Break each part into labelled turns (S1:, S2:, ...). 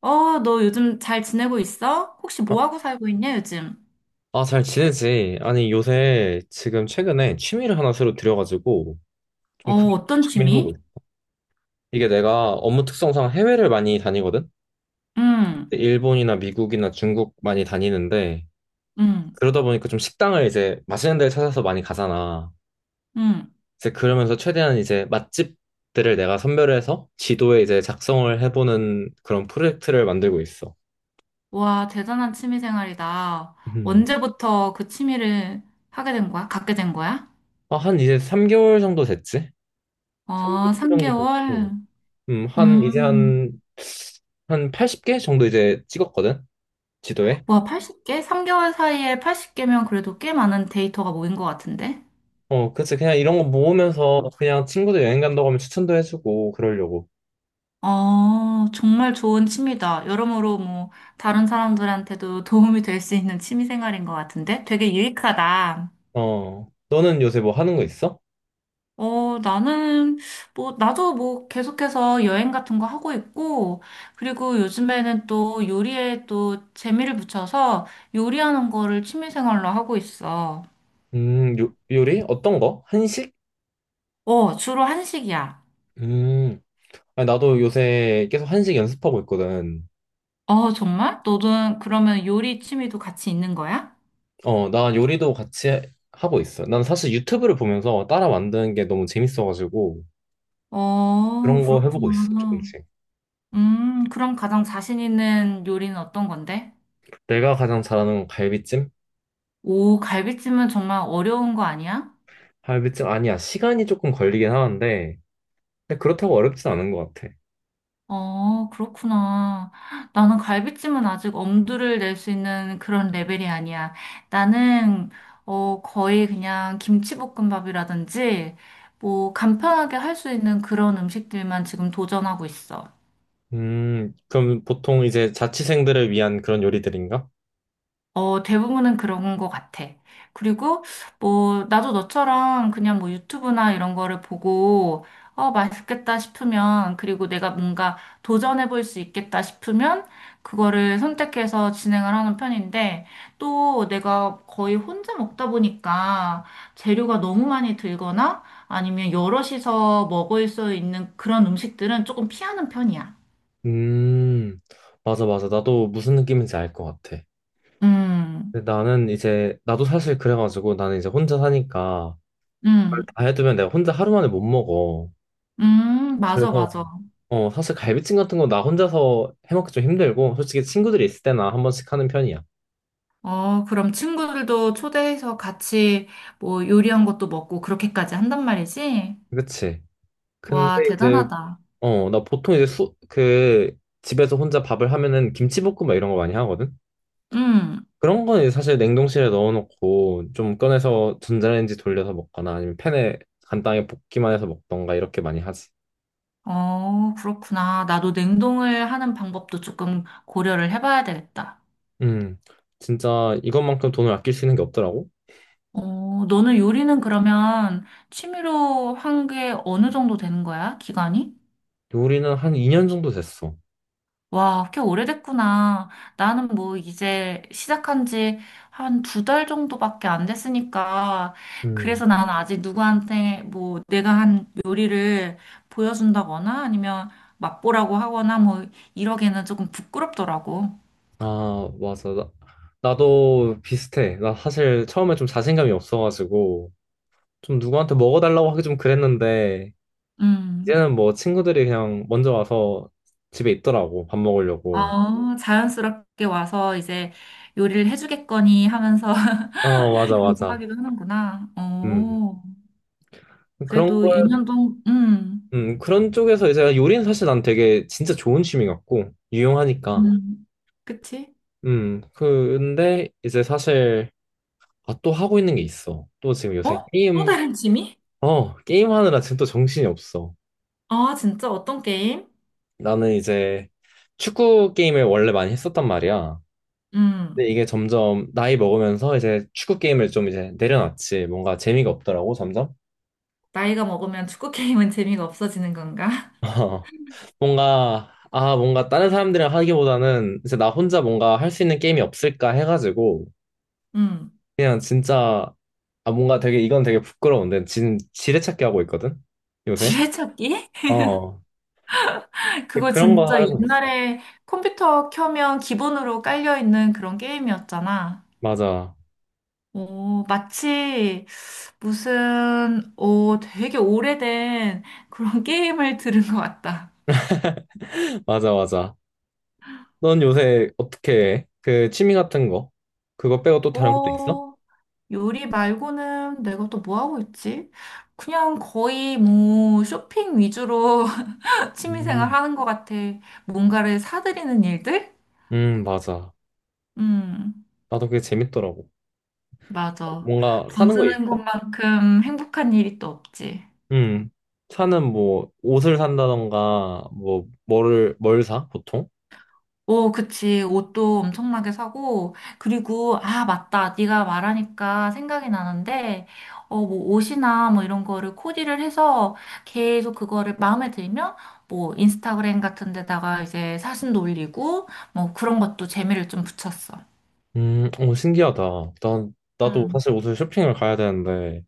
S1: 어, 너 요즘 잘 지내고 있어? 혹시 뭐
S2: 어?
S1: 하고 살고 있냐, 요즘?
S2: 아, 잘 지내지? 아니, 요새 지금 최근에 취미를 하나 새로 들여가지고
S1: 어,
S2: 좀 크게
S1: 어떤
S2: 취미 해보고
S1: 취미?
S2: 있어. 이게 내가 업무 특성상 해외를 많이 다니거든?
S1: 응,
S2: 일본이나 미국이나 중국 많이 다니는데
S1: 응,
S2: 그러다 보니까 좀 식당을 이제 맛있는 데를 찾아서 많이 가잖아.
S1: 응.
S2: 이제 그러면서 최대한 이제 맛집들을 내가 선별해서 지도에 이제 작성을 해보는 그런 프로젝트를 만들고 있어.
S1: 와, 대단한 취미 생활이다.
S2: 음.
S1: 언제부터 그 취미를 하게 된 거야? 갖게 된 거야?
S2: 아, 한 이제 3개월 정도 됐지? 3개월
S1: 어,
S2: 정도
S1: 3개월?
S2: 됐고. 음, 한, 이제
S1: 음,
S2: 한, 한 80개 정도 이제 찍었거든? 지도에.
S1: 와, 80개? 3개월 사이에 80개면 그래도 꽤 많은 데이터가 모인 것 같은데?
S2: 어, 그치. 그냥 이런 거 모으면서 그냥 친구들 여행 간다고 하면 추천도 해주고, 그러려고.
S1: 어, 정말 좋은 취미다. 여러모로 뭐, 다른 사람들한테도 도움이 될 수 있는 취미 생활인 것 같은데? 되게 유익하다.
S2: 어, 너는 요새 뭐 하는 거 있어?
S1: 어, 나는, 뭐, 나도 뭐, 계속해서 여행 같은 거 하고 있고, 그리고 요즘에는 또 요리에 또 재미를 붙여서 요리하는 거를 취미생활로 하고 있어.
S2: 요리? 어떤 거? 한식?
S1: 어, 주로 한식이야.
S2: 음, 아니, 나도 요새 계속 한식 연습하고 있거든.
S1: 어, 정말? 너는 그러면 요리 취미도 같이 있는 거야?
S2: 어, 나 요리도 같이 하고 있어. 난 사실 유튜브를 보면서 따라 만드는 게 너무 재밌어가지고,
S1: 어,
S2: 그런 거 해보고 있어,
S1: 그렇구나.
S2: 조금씩.
S1: 그럼 가장 자신 있는 요리는 어떤 건데?
S2: 내가 가장 잘하는 건 갈비찜?
S1: 오, 갈비찜은 정말 어려운 거 아니야?
S2: 갈비찜 아니야. 시간이 조금 걸리긴 하는데 근데 그렇다고 어렵진 않은 것 같아.
S1: 어, 그렇구나. 나는 갈비찜은 아직 엄두를 낼 수 있는 그런 레벨이 아니야. 나는, 어, 거의 그냥 김치볶음밥이라든지, 뭐, 간편하게 할 수 있는 그런 음식들만 지금 도전하고 있어.
S2: 그럼 보통 이제 자취생들을 위한 그런 요리들인가?
S1: 어, 대부분은 그런 것 같아. 그리고 뭐 나도 너처럼 그냥 뭐 유튜브나 이런 거를 보고 어, 맛있겠다 싶으면 그리고 내가 뭔가 도전해 볼 수 있겠다 싶으면 그거를 선택해서 진행을 하는 편인데 또 내가 거의 혼자 먹다 보니까 재료가 너무 많이 들거나 아니면 여럿이서 먹을 수 있는 그런 음식들은 조금 피하는 편이야.
S2: 음, 맞아, 맞아. 나도 무슨 느낌인지 알 것 같아.
S1: 음,
S2: 근데 나는 이제, 나도 사실 그래가지고 나는 이제 혼자 사니까 그걸
S1: 음,
S2: 다 해두면 내가 혼자 하루 만에 못 먹어.
S1: 맞아,
S2: 그래서,
S1: 맞아.
S2: 어, 사실 갈비찜 같은 거 나 혼자서 해먹기 좀 힘들고, 솔직히 친구들이 있을 때나 한 번씩 하는 편이야.
S1: 어, 그럼 친구들도 초대해서 같이 뭐 요리한 것도 먹고 그렇게까지 한단 말이지?
S2: 그치?
S1: 와,
S2: 근데 이제
S1: 대단하다.
S2: 어, 나 보통 이제 집에서 혼자 밥을 하면은 김치볶음밥 이런 거 많이 하거든?
S1: 응.
S2: 그런 거는 이제 사실 냉동실에 넣어놓고 좀 꺼내서 전자레인지 돌려서 먹거나 아니면 팬에 간단하게 볶기만 해서 먹던가 이렇게 많이 하지.
S1: 어, 그렇구나. 나도 냉동을 하는 방법도 조금 고려를 해봐야 되겠다.
S2: 음, 진짜 이것만큼 돈을 아낄 수 있는 게 없더라고?
S1: 어, 너는 요리는 그러면 취미로 한 게 어느 정도 되는 거야? 기간이?
S2: 요리는 한 2년 정도 됐어.
S1: 와, 꽤 오래됐구나. 나는 뭐 이제 시작한 지 한 두 달 정도밖에 안 됐으니까.
S2: 음,
S1: 그래서 나는 아직 누구한테 뭐 내가 한 요리를 보여준다거나 아니면 맛보라고 하거나 뭐 이러기에는 조금 부끄럽더라고.
S2: 아, 맞아. 나도 비슷해. 나 사실 처음에 좀 자신감이 없어가지고 좀 누구한테 먹어달라고 하기 좀 그랬는데
S1: 음.
S2: 이제는 뭐 친구들이 그냥 먼저 와서 집에 있더라고, 밥 먹으려고.
S1: 어, 자연스럽게 와서 이제 요리를 해주겠거니 하면서
S2: 어, 맞아, 맞아.
S1: 요구하기도 하는구나.
S2: 음.
S1: 어,
S2: 그런
S1: 그래도
S2: 거,
S1: 2년 동안,
S2: 그런 쪽에서 이제 요리는 사실 난 되게 진짜 좋은 취미 같고, 유용하니까.
S1: 음, 그치?
S2: 근데 이제 사실, 아, 또 하고 있는 게 있어. 또 지금
S1: 어?
S2: 요새
S1: 또
S2: 게임,
S1: 다른 취미?
S2: 어, 게임하느라 지금 또 정신이 없어.
S1: 아, 진짜? 어떤 게임?
S2: 나는 이제 축구 게임을 원래 많이 했었단 말이야.
S1: 음,
S2: 근데 이게 점점 나이 먹으면서 이제 축구 게임을 좀 이제 내려놨지. 뭔가 재미가 없더라고, 점점.
S1: 나이가 먹으면 축구 게임은 재미가 없어지는 건가?
S2: 뭔가 다른 사람들이랑 하기보다는 이제 나 혼자 뭔가 할 수 있는 게임이 없을까 해가지고,
S1: 음,
S2: 그냥 진짜, 아, 뭔가 되게, 이건 되게 부끄러운데, 지금 지뢰찾기 하고 있거든? 요새?
S1: 지뢰찾기?
S2: 어. 근데
S1: 그거
S2: 그런 거
S1: 진짜
S2: 하고 있어.
S1: 옛날에 컴퓨터 켜면 기본으로 깔려있는 그런 게임이었잖아.
S2: 맞아.
S1: 오, 마치 무슨, 오, 되게 오래된 그런 게임을 들은 것 같다.
S2: 맞아, 맞아. 넌 요새 어떻게 해? 그 취미 같은 거? 그거 빼고 또 다른 것도 있어?
S1: 오, 요리 말고는 내가 또 뭐 하고 있지? 그냥 거의 뭐 쇼핑 위주로 취미생활
S2: 음.
S1: 하는 것 같아. 뭔가를 사들이는 일들?
S2: 맞아.
S1: 음,
S2: 나도 그게 재밌더라고.
S1: 맞아.
S2: 뭔가
S1: 돈
S2: 사는 거 있어?
S1: 쓰는 것만큼 행복한 일이 또 없지.
S2: 음. 차는 뭐 옷을 산다던가 뭐 뭐를 뭘 사? 보통?
S1: 오, 그치. 옷도 엄청나게 사고. 그리고, 아, 맞다. 네가 말하니까 생각이 나는데, 어, 뭐, 옷이나 뭐 이런 거를 코디를 해서 계속 그거를 마음에 들면, 뭐, 인스타그램 같은 데다가 이제 사진도 올리고, 뭐, 그런 것도 재미를 좀 붙였어.
S2: 어, 신기하다. 난 나도
S1: 음,
S2: 사실 옷을 쇼핑을 가야 되는데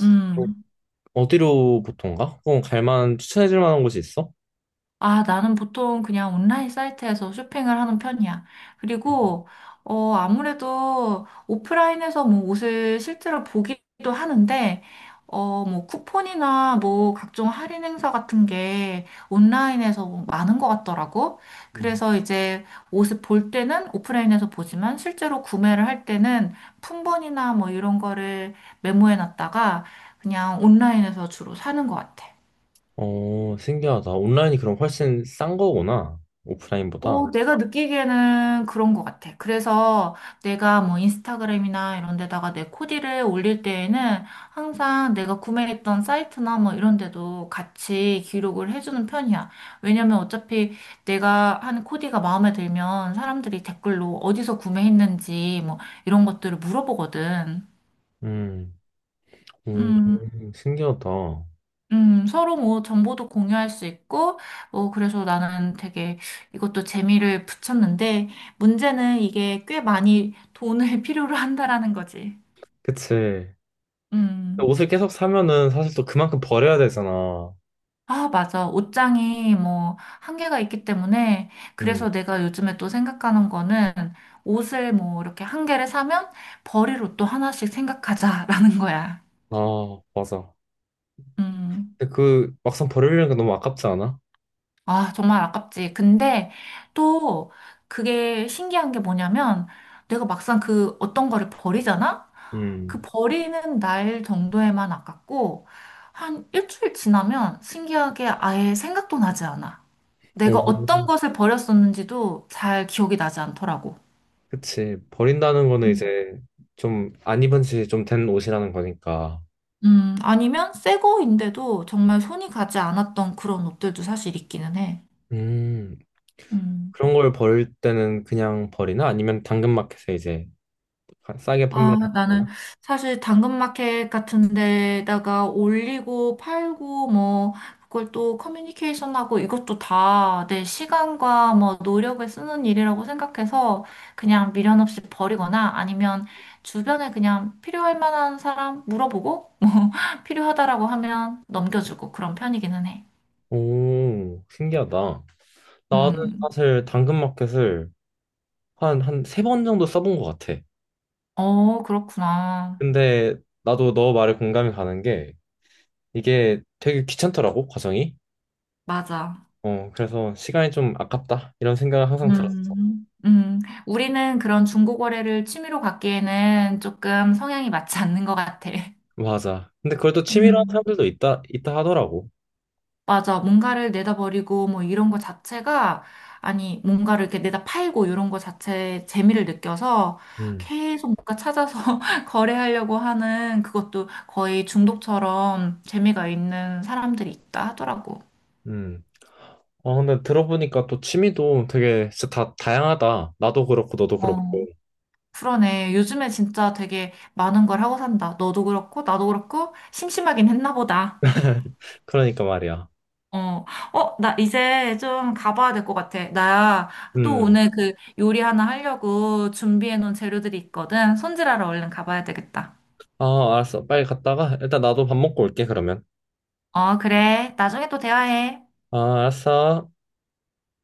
S1: 음.
S2: 어디로 보통 가? 그럼 갈 만한 추천해 줄 만한 곳이 있어?
S1: 아, 나는 보통 그냥 온라인 사이트에서 쇼핑을 하는 편이야. 그리고, 어, 아무래도 오프라인에서 뭐 옷을 실제로 보기도 하는데, 어, 뭐 쿠폰이나 뭐 각종 할인 행사 같은 게 온라인에서 뭐 많은 것 같더라고.
S2: 음.
S1: 그래서 이제 옷을 볼 때는 오프라인에서 보지만 실제로 구매를 할 때는 품번이나 뭐 이런 거를 메모해 놨다가 그냥 온라인에서 주로 사는 것 같아.
S2: 어, 신기하다. 온라인이 그럼 훨씬 싼 거구나. 오프라인보다.
S1: 어, 내가 느끼기에는 그런 것 같아. 그래서 내가 뭐 인스타그램이나 이런 데다가 내 코디를 올릴 때에는 항상 내가 구매했던 사이트나 뭐 이런 데도 같이 기록을 해주는 편이야. 왜냐면 어차피 내가 한 코디가 마음에 들면 사람들이 댓글로 어디서 구매했는지 뭐 이런 것들을 물어보거든.
S2: 음, 음,
S1: 음.
S2: 신기하다.
S1: 서로 뭐 정보도 공유할 수 있고, 뭐 그래서 나는 되게 이것도 재미를 붙였는데, 문제는 이게 꽤 많이 돈을 필요로 한다라는 거지.
S2: 그치. 근데
S1: 음.
S2: 옷을 계속 사면은 사실 또 그만큼 버려야 되잖아.
S1: 아, 맞아. 옷장이 뭐 한계가 있기 때문에,
S2: 음,
S1: 그래서 내가 요즘에 또 생각하는 거는 옷을 뭐 이렇게 한 개를 사면 버릴 옷도 하나씩 생각하자라는 거야.
S2: 아, 맞아.
S1: 음.
S2: 근데 그 막상 버리려니까 너무 아깝지 않아?
S1: 아, 정말 아깝지. 근데 또 그게 신기한 게 뭐냐면 내가 막상 그 어떤 거를 버리잖아? 그
S2: 음.
S1: 버리는 날 정도에만 아깝고 한 일주일 지나면 신기하게 아예 생각도 나지 않아. 내가 어떤
S2: 오,
S1: 것을 버렸었는지도 잘 기억이 나지 않더라고.
S2: 그치. 버린다는 거는
S1: 음,
S2: 이제 좀 안 입은 지 좀 된 옷이라는 거니까.
S1: 아니면 새 거인데도 정말 손이 가지 않았던 그런 옷들도 사실 있기는 해.
S2: 음.
S1: 음.
S2: 그런 걸 버릴 때는 그냥 버리나? 아니면 당근마켓에 이제 싸게
S1: 아,
S2: 판매를
S1: 나는
S2: 하거나?
S1: 사실 당근마켓 같은 데다가 올리고 팔고 뭐 그걸 또 커뮤니케이션하고 이것도 다 내 시간과 뭐 노력을 쓰는 일이라고 생각해서 그냥 미련 없이 버리거나 아니면 주변에 그냥 필요할 만한 사람 물어보고 뭐 필요하다라고 하면 넘겨주고 그런 편이기는 해.
S2: 오, 신기하다. 나는
S1: 음.
S2: 사실 당근마켓을 한 세 번 정도 써본 것 같아.
S1: 어, 그렇구나.
S2: 근데 나도 너 말에 공감이 가는 게 이게 되게 귀찮더라고, 과정이.
S1: 맞아.
S2: 어, 그래서 시간이 좀 아깝다. 이런 생각을 항상 들었어.
S1: 음, 음. 우리는 그런 중고 거래를 취미로 갖기에는 조금 성향이 맞지 않는 것 같아.
S2: 맞아. 근데 그걸 또 취미로 하는
S1: 음,
S2: 사람들도 있다 하더라고.
S1: 맞아. 뭔가를 내다버리고 뭐 이런 거 자체가 아니, 뭔가를 이렇게 내다 팔고 이런 거 자체에 재미를 느껴서
S2: 음,
S1: 계속 뭔가 찾아서 거래하려고 하는 그것도 거의 중독처럼 재미가 있는 사람들이 있다 하더라고.
S2: 음. 아, 근데 들어보니까 또 취미도 되게 진짜 다 다양하다. 나도 그렇고, 너도 그렇고.
S1: 어, 그러네. 요즘에 진짜 되게 많은 걸 하고 산다. 너도 그렇고, 나도 그렇고, 심심하긴 했나 보다.
S2: 그러니까 말이야.
S1: 어, 어, 나 이제 좀 가봐야 될 것 같아. 나 또
S2: 음.
S1: 오늘 그 요리 하나 하려고 준비해 놓은 재료들이 있거든. 손질하러 얼른 가봐야 되겠다.
S2: 아, 알았어. 빨리 갔다가 일단 나도 밥 먹고 올게, 그러면.
S1: 어, 그래. 나중에 또 대화해.
S2: 아, 알았어.